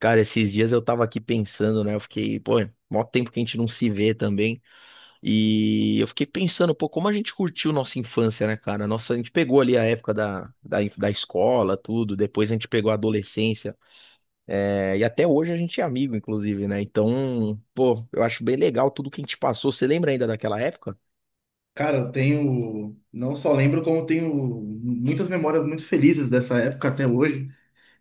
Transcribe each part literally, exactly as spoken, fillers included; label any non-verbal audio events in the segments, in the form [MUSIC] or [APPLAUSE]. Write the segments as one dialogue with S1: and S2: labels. S1: Cara, esses dias eu tava aqui pensando, né? Eu fiquei, pô, mó tempo que a gente não se vê também. E eu fiquei pensando, pô, como a gente curtiu nossa infância, né, cara? Nossa, a gente pegou ali a época da, da, inf- da escola, tudo. Depois a gente pegou a adolescência. É, e até hoje a gente é amigo, inclusive, né? Então, pô, eu acho bem legal tudo que a gente passou. Você lembra ainda daquela época?
S2: Cara, eu tenho, não só lembro, como tenho muitas memórias muito felizes dessa época até hoje,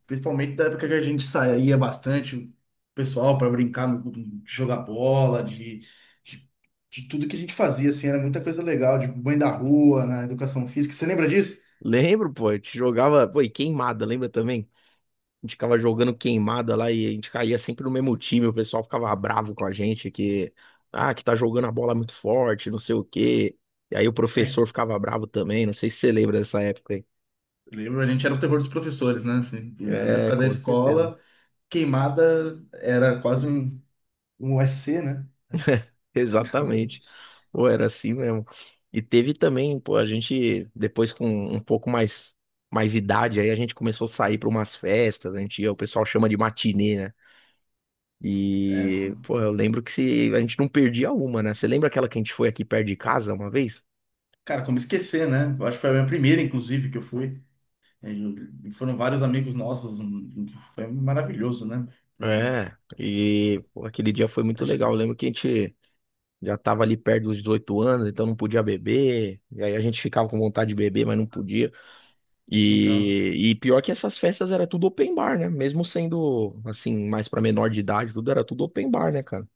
S2: principalmente da época que a gente saía bastante, o pessoal, para brincar, no- de jogar bola, de, de, de tudo que a gente fazia, assim, era muita coisa legal, de banho da rua, na educação física. Você lembra disso?
S1: Lembro, pô, a gente jogava, pô, e queimada, lembra também? A gente ficava jogando queimada lá e a gente caía sempre no mesmo time. O pessoal ficava bravo com a gente que, ah, que tá jogando a bola muito forte, não sei o quê. E aí o
S2: É,
S1: professor ficava bravo também. Não sei se você lembra dessa época aí.
S2: lembro, a gente era o terror dos professores, né? Assim, na
S1: É,
S2: época da
S1: com certeza.
S2: escola, queimada era quase um, um U F C, né?
S1: Exatamente.
S2: [LAUGHS]
S1: Pô, era assim mesmo. E teve também, pô, a gente, depois com um pouco mais, mais idade, aí a gente começou a sair para umas festas. A gente ia, o pessoal chama de matinê.
S2: É,
S1: E, pô, eu lembro que se, a gente não perdia uma, né? Você lembra aquela que a gente foi aqui perto de casa uma vez?
S2: cara, como esquecer, né? Eu acho que foi a minha primeira, inclusive, que eu fui. E e foram vários amigos nossos. Hum, hum. Foi maravilhoso, né? Pra-
S1: É, e, pô, aquele dia foi muito
S2: a gente-
S1: legal. Eu lembro que a gente já tava ali perto dos dezoito anos, então não podia beber. E aí a gente ficava com vontade de beber, mas não podia.
S2: Então,
S1: E, e pior que essas festas era tudo open bar, né? Mesmo sendo, assim, mais pra menor de idade, tudo era tudo open bar, né, cara?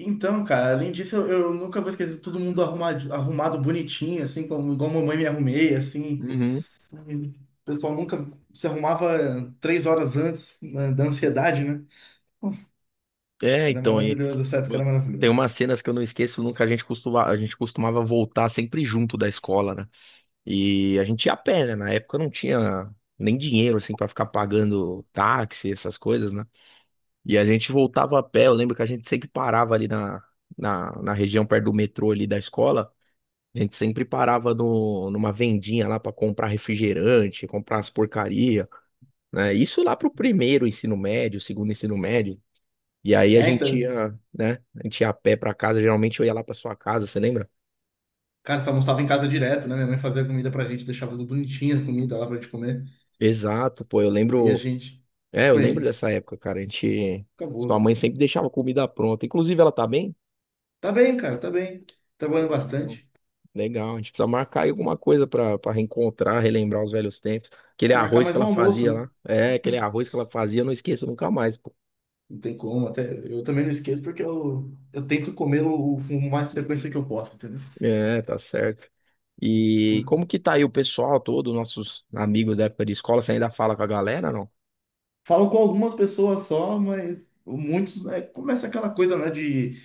S2: então, cara, além disso, eu, eu nunca vou esquecer todo mundo arrumado, arrumado bonitinho, assim, como igual a mamãe me arrumei, assim.
S1: Uhum.
S2: O pessoal nunca se arrumava três horas antes, né, da ansiedade, né?
S1: É,
S2: Era
S1: então, e
S2: maravilhoso, essa época
S1: pô,
S2: era
S1: tem
S2: maravilhoso.
S1: umas cenas que eu não esqueço nunca. A gente costuma, a gente costumava voltar sempre junto da escola, né? E a gente ia a pé, né? Na época não tinha nem dinheiro, assim, pra ficar pagando táxi, essas coisas, né? E a gente voltava a pé. Eu lembro que a gente sempre parava ali na, na, na região perto do metrô ali da escola. A gente sempre parava no, numa vendinha lá pra comprar refrigerante, comprar as porcaria, né? Isso lá pro primeiro ensino médio, segundo ensino médio. E aí a
S2: É,
S1: gente
S2: então,
S1: ia, né? A gente ia a pé pra casa. Geralmente eu ia lá pra sua casa, você lembra?
S2: cara, você almoçava em casa direto, né? Minha mãe fazia comida pra gente, deixava tudo bonitinho a comida lá pra gente comer.
S1: Exato, pô. Eu
S2: E a
S1: lembro.
S2: gente,
S1: É, eu
S2: pô, e
S1: lembro dessa
S2: f-
S1: época, cara. A gente. Sua
S2: acabou.
S1: mãe sempre deixava comida pronta. Inclusive, ela tá bem?
S2: Tá bem, cara, tá bem. Trabalhando
S1: Pô, então,
S2: bastante.
S1: legal. A gente precisa marcar aí alguma coisa pra, pra reencontrar, relembrar os velhos tempos. Aquele
S2: É, marcar
S1: arroz que
S2: mais um
S1: ela
S2: almoço,
S1: fazia
S2: né?
S1: lá. É, aquele arroz que ela fazia, eu não esqueço nunca mais, pô.
S2: Não tem como, até eu também não esqueço porque eu, eu tento comer o, o mais frequência que eu posso, entendeu?
S1: É, tá certo. E como que tá aí o pessoal todo, nossos amigos da época de escola? Você ainda fala com a galera, não?
S2: Falo com algumas pessoas só, mas muitos, né, começa aquela coisa, né, de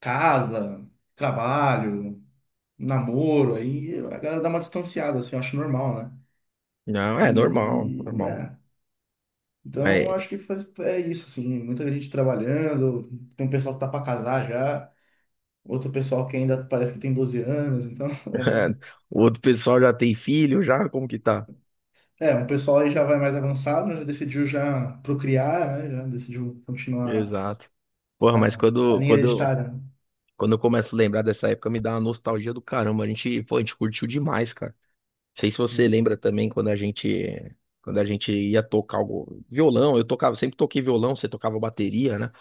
S2: casa, trabalho, namoro, aí a galera dá uma distanciada, assim, eu acho normal, né?
S1: Não, é normal,
S2: E,
S1: normal.
S2: né? Então,
S1: Mas
S2: acho que faz- é isso, assim, muita gente trabalhando, tem um pessoal que tá para casar já, outro pessoal que ainda parece que tem doze anos, então,
S1: [LAUGHS]
S2: [LAUGHS]
S1: o outro pessoal já tem filho, já? Como que tá?
S2: é, um pessoal aí já vai mais avançado, já decidiu já procriar, né, já decidiu continuar
S1: Exato. Porra, mas
S2: a, a
S1: quando,
S2: linha
S1: quando,
S2: hereditária, né?
S1: Quando eu começo a lembrar dessa época, me dá uma nostalgia do caramba. A gente, pô, a gente curtiu demais, cara. Não sei se você
S2: Muito.
S1: lembra também quando a gente, quando a gente ia tocar algo, violão. Eu tocava, sempre toquei violão, você tocava bateria, né?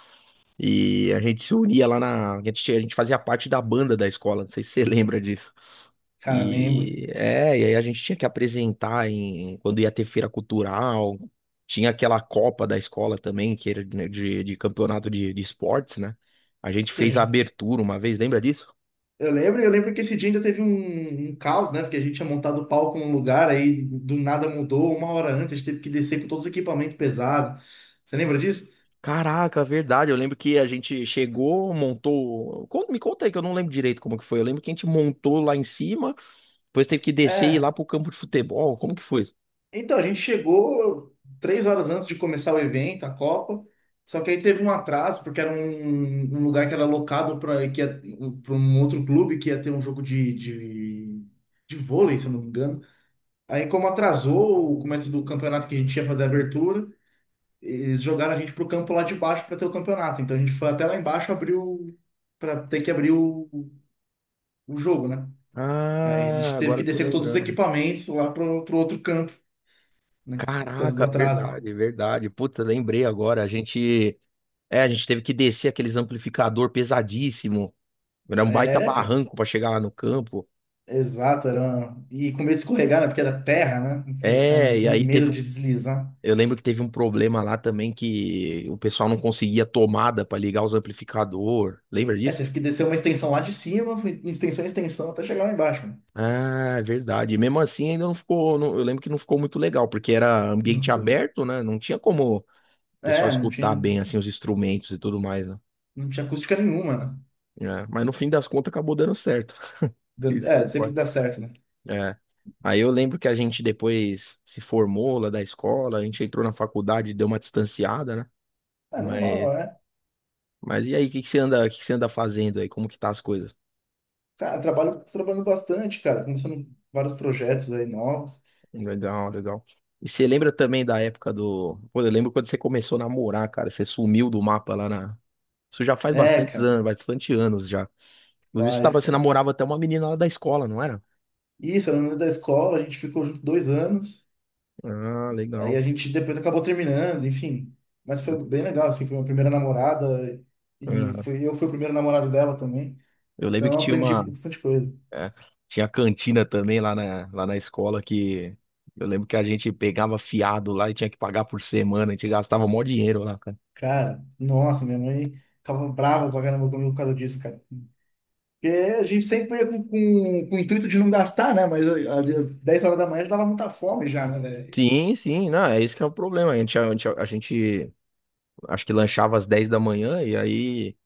S1: E a gente se unia lá na, a gente, a gente fazia parte da banda da escola. Não sei se você [LAUGHS] lembra disso.
S2: Cara, lembro
S1: E é, e aí a gente tinha que apresentar em quando ia ter feira cultural. Tinha aquela Copa da escola também, que era de, de de campeonato de de esportes, né? A gente
S2: que a
S1: fez a
S2: gente,
S1: abertura uma vez, lembra disso?
S2: eu lembro, eu lembro que esse dia ainda teve um, um caos, né, porque a gente tinha montado o palco num lugar, aí do nada mudou, uma hora antes, a gente teve que descer com todos os equipamentos pesados, você lembra disso?
S1: Caraca, verdade. Eu lembro que a gente chegou, montou. Con- Me conta aí que eu não lembro direito como que foi. Eu lembro que a gente montou lá em cima, depois teve que descer e ir lá
S2: É,
S1: pro campo de futebol. Como que foi?
S2: então, a gente chegou três horas antes de começar o evento, a Copa. Só que aí teve um atraso, porque era um, um lugar que era locado para um outro clube que ia ter um jogo de, de, de vôlei, se eu não me engano. Aí, como atrasou o começo do campeonato que a gente ia fazer a abertura, eles jogaram a gente pro campo lá de baixo para ter o campeonato. Então, a gente foi até lá embaixo abriu para ter que abrir o, o jogo, né? Aí a
S1: Ah,
S2: gente teve
S1: agora
S2: que
S1: eu tô
S2: descer com todos os
S1: lembrando.
S2: equipamentos lá pro, pro outro campo, né? Por causa do
S1: Caraca,
S2: atraso.
S1: verdade, verdade. Puta, lembrei agora. A gente, é, a gente teve que descer aqueles amplificador pesadíssimo. Era um baita
S2: É, cara.
S1: barranco pra chegar lá no campo.
S2: Exato, era uma- e com medo de escorregar, né? Porque era terra, né? Aquela-
S1: É, e
S2: Aquele
S1: aí
S2: medo
S1: teve,
S2: de deslizar.
S1: eu lembro que teve um problema lá também que o pessoal não conseguia tomada para ligar os amplificador. Lembra
S2: É,
S1: disso?
S2: teve que descer uma extensão lá de cima, foi extensão, extensão, até chegar lá embaixo, né?
S1: Ah, é verdade. E mesmo assim, ainda não ficou. Não- eu lembro que não ficou muito legal, porque era
S2: Não
S1: ambiente
S2: ficou.
S1: aberto, né? Não tinha como o pessoal
S2: É, não tinha,
S1: escutar bem assim os instrumentos e tudo mais, né?
S2: não tinha acústica nenhuma, né?
S1: É, mas no fim das contas acabou dando certo. [LAUGHS]
S2: Dan-
S1: Isso que
S2: É, sempre
S1: importa.
S2: dá certo, né?
S1: É. Aí eu lembro que a gente depois se formou lá da escola, a gente entrou na faculdade, deu uma distanciada, né?
S2: É normal,
S1: Mas,
S2: é.
S1: mas e aí, o que que você anda, o que que você anda fazendo aí? Como que tá as coisas?
S2: Cara, trabalho, tô trabalhando bastante, cara. Começando vários projetos aí novos.
S1: Legal, legal. E você lembra também da época do. Pô, eu lembro quando você começou a namorar, cara. Você sumiu do mapa lá na. Isso já faz
S2: É,
S1: bastantes
S2: cara,
S1: anos, bastante anos já. Inclusive, você,
S2: faz,
S1: tava, você
S2: cara.
S1: namorava até uma menina lá da escola, não era?
S2: Isso, eu lembro da escola, a gente ficou junto dois anos.
S1: Ah,
S2: Aí
S1: legal.
S2: a gente depois acabou terminando, enfim. Mas foi bem legal, assim, foi minha primeira namorada e
S1: Aham.
S2: foi, eu fui o primeiro namorado dela também.
S1: Eu lembro
S2: Então
S1: que
S2: eu
S1: tinha
S2: aprendi
S1: uma.
S2: bastante coisa.
S1: É, tinha cantina também lá na, lá na escola que. Eu lembro que a gente pegava fiado lá e tinha que pagar por semana. A gente gastava mó dinheiro lá, cara.
S2: Cara, nossa, minha mãe ficava brava pra caramba comigo por causa disso, cara. Porque a gente sempre ia com, com, com o intuito de não gastar, né? Mas ali às dez horas da manhã já dava muita fome já, né, velho?
S1: Sim, sim, não, é isso que é o problema. A gente, a gente, a gente acho que lanchava às dez da manhã e aí.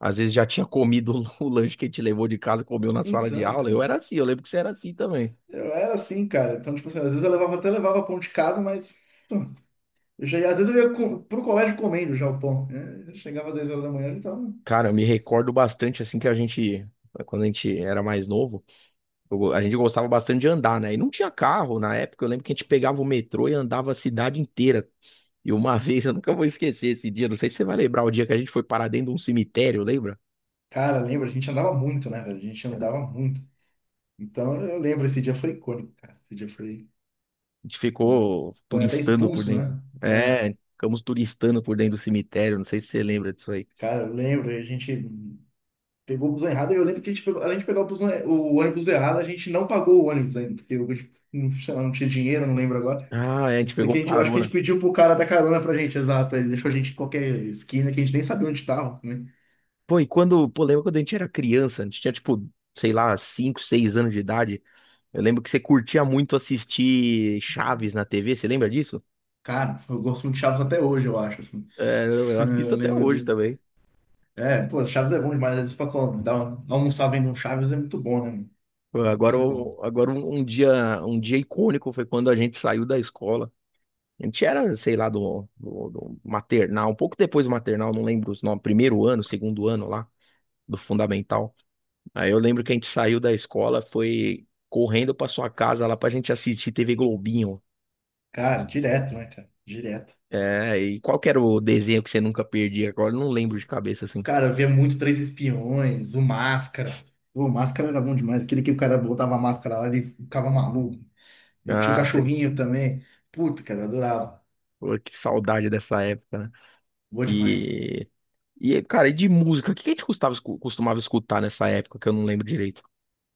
S1: Às vezes já tinha comido [LAUGHS] o lanche que a gente levou de casa, comeu na sala de
S2: Então,
S1: aula.
S2: cara,
S1: Eu era assim, eu lembro que você era assim também.
S2: eu era assim, cara. Então, tipo assim, às vezes eu levava, até levava pão de casa, mas pô, eu já, ia- às vezes eu ia co- pro colégio comendo já o pão, né? Eu chegava às dez horas da manhã, então.
S1: Cara, eu me recordo bastante assim que a gente, quando a gente era mais novo, eu- a gente gostava bastante de andar, né? E não tinha carro na época. Eu lembro que a gente pegava o metrô e andava a cidade inteira. E uma [LAUGHS] vez, eu nunca vou esquecer esse dia, não sei se você vai lembrar o dia que a gente foi parar dentro de um cemitério, lembra?
S2: Cara, lembra? A gente andava muito, né, velho? A gente andava muito. Então, eu lembro, esse dia foi icônico, cara. Esse dia foi.
S1: A gente ficou
S2: Foi até
S1: turistando por
S2: expulso,
S1: dentro.
S2: né? É,
S1: É, ficamos turistando por dentro do cemitério, não sei se você lembra disso aí.
S2: cara, eu lembro, a gente pegou o busão errado. Eu lembro que a gente pegou, além de pegar o, busão, o ônibus errado, a gente não pagou o ônibus ainda, porque eu, não sei lá, não tinha dinheiro, não lembro agora.
S1: Ah, é, a
S2: Eu
S1: gente
S2: sei
S1: pegou
S2: que a gente, eu acho que a gente
S1: carona.
S2: pediu pro cara da carona pra gente, exato. Ele deixou a gente em qualquer esquina que a gente nem sabia onde tava, né?
S1: Pô, e quando, pô, lembra quando a gente era criança, a gente tinha tipo, sei lá, cinco seis anos de idade. Eu lembro que você curtia muito assistir Chaves na T V, você lembra disso?
S2: Cara, eu gosto muito de Chaves até hoje, eu acho, assim.
S1: É,
S2: [LAUGHS]
S1: eu
S2: Eu
S1: assisto até
S2: lembro.
S1: hoje também.
S2: É, pô, Chaves é bom demais. Às vezes pra co- dar uma- almoçar vendo um Chaves é muito bom, né, mano?
S1: Pô,
S2: Não
S1: agora,
S2: tem como.
S1: eu- agora um, um dia, um dia icônico foi quando a gente saiu da escola. A gente era, sei lá, do, do, do maternal, um pouco depois do maternal, não lembro os nomes, primeiro ano, segundo ano lá, do fundamental. Aí eu lembro que a gente saiu da escola, foi correndo pra sua casa lá pra gente assistir T V Globinho.
S2: Cara, direto, né, cara? Direto.
S1: É, e qual que era o desenho que você nunca perdia? Agora eu não lembro de cabeça assim.
S2: Cara, eu via muito Três Espiões, o Máscara. Pô, o Máscara era bom demais. Aquele que o cara botava a máscara lá, ele ficava maluco. E tinha o
S1: Ah, sei.
S2: cachorrinho também. Puta, cara, eu adorava.
S1: Pô, que saudade dessa época, né?
S2: Bom demais.
S1: E, e cara, e de música? O que a gente custava escu- costumava escutar nessa época que eu não lembro direito?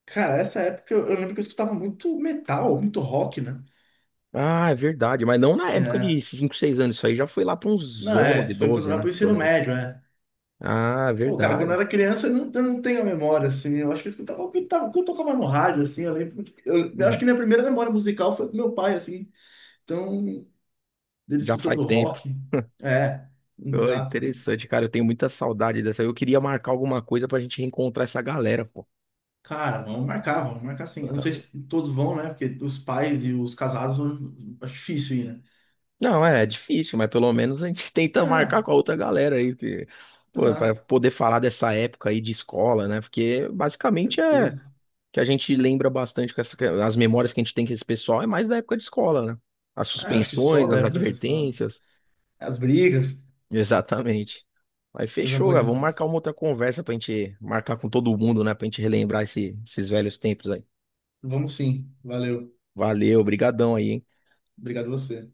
S2: Cara, essa época eu, eu lembro que eu escutava muito metal, muito rock, né?
S1: Ah, é verdade, mas não na época
S2: É,
S1: de cinco seis anos. Isso aí já foi lá para uns
S2: não, é,
S1: onze
S2: isso foi pro,
S1: doze
S2: lá
S1: né?
S2: pro
S1: Que eu
S2: ensino
S1: lembro.
S2: médio, né?
S1: Ah, é
S2: Pô, cara, quando eu
S1: verdade.
S2: era criança, eu não, eu não tenho a memória, assim. Eu acho que eu escutava o que, tava- o que eu tocava no rádio, assim. Eu lembro. que- Eu, eu acho
S1: Uhum.
S2: que minha primeira memória musical foi com meu pai, assim. Então, dele
S1: Já faz
S2: escutando
S1: tempo.
S2: rock.
S1: [LAUGHS]
S2: É,
S1: Pô,
S2: exato.
S1: interessante, cara. Eu tenho muita saudade dessa. Eu queria marcar alguma coisa pra gente reencontrar essa galera, pô.
S2: Cara, vamos marcar, vamos marcar sim. Eu não sei se todos vão, né? Porque os pais e os casados vão- é difícil ir, né?
S1: Não, é, é difícil, mas pelo menos a gente [LAUGHS] tenta marcar
S2: É,
S1: com a outra galera aí, que, pô, para
S2: exato,
S1: poder falar dessa época aí de escola, né? Porque basicamente é
S2: certeza.
S1: que a gente lembra bastante com essa, as memórias que a gente tem com esse pessoal é mais da época de escola, né? As
S2: Ah, acho que só
S1: suspensões,
S2: da
S1: as
S2: época da escola.
S1: advertências.
S2: As brigas,
S1: [LAUGHS] Exatamente. Mas
S2: coisa
S1: fechou,
S2: boa
S1: cara. Vamos marcar
S2: demais.
S1: uma outra conversa pra gente marcar com todo mundo, né? Pra gente relembrar esse- esses velhos tempos aí.
S2: Vamos sim, valeu.
S1: Valeu, brigadão aí, hein?
S2: Obrigado a você.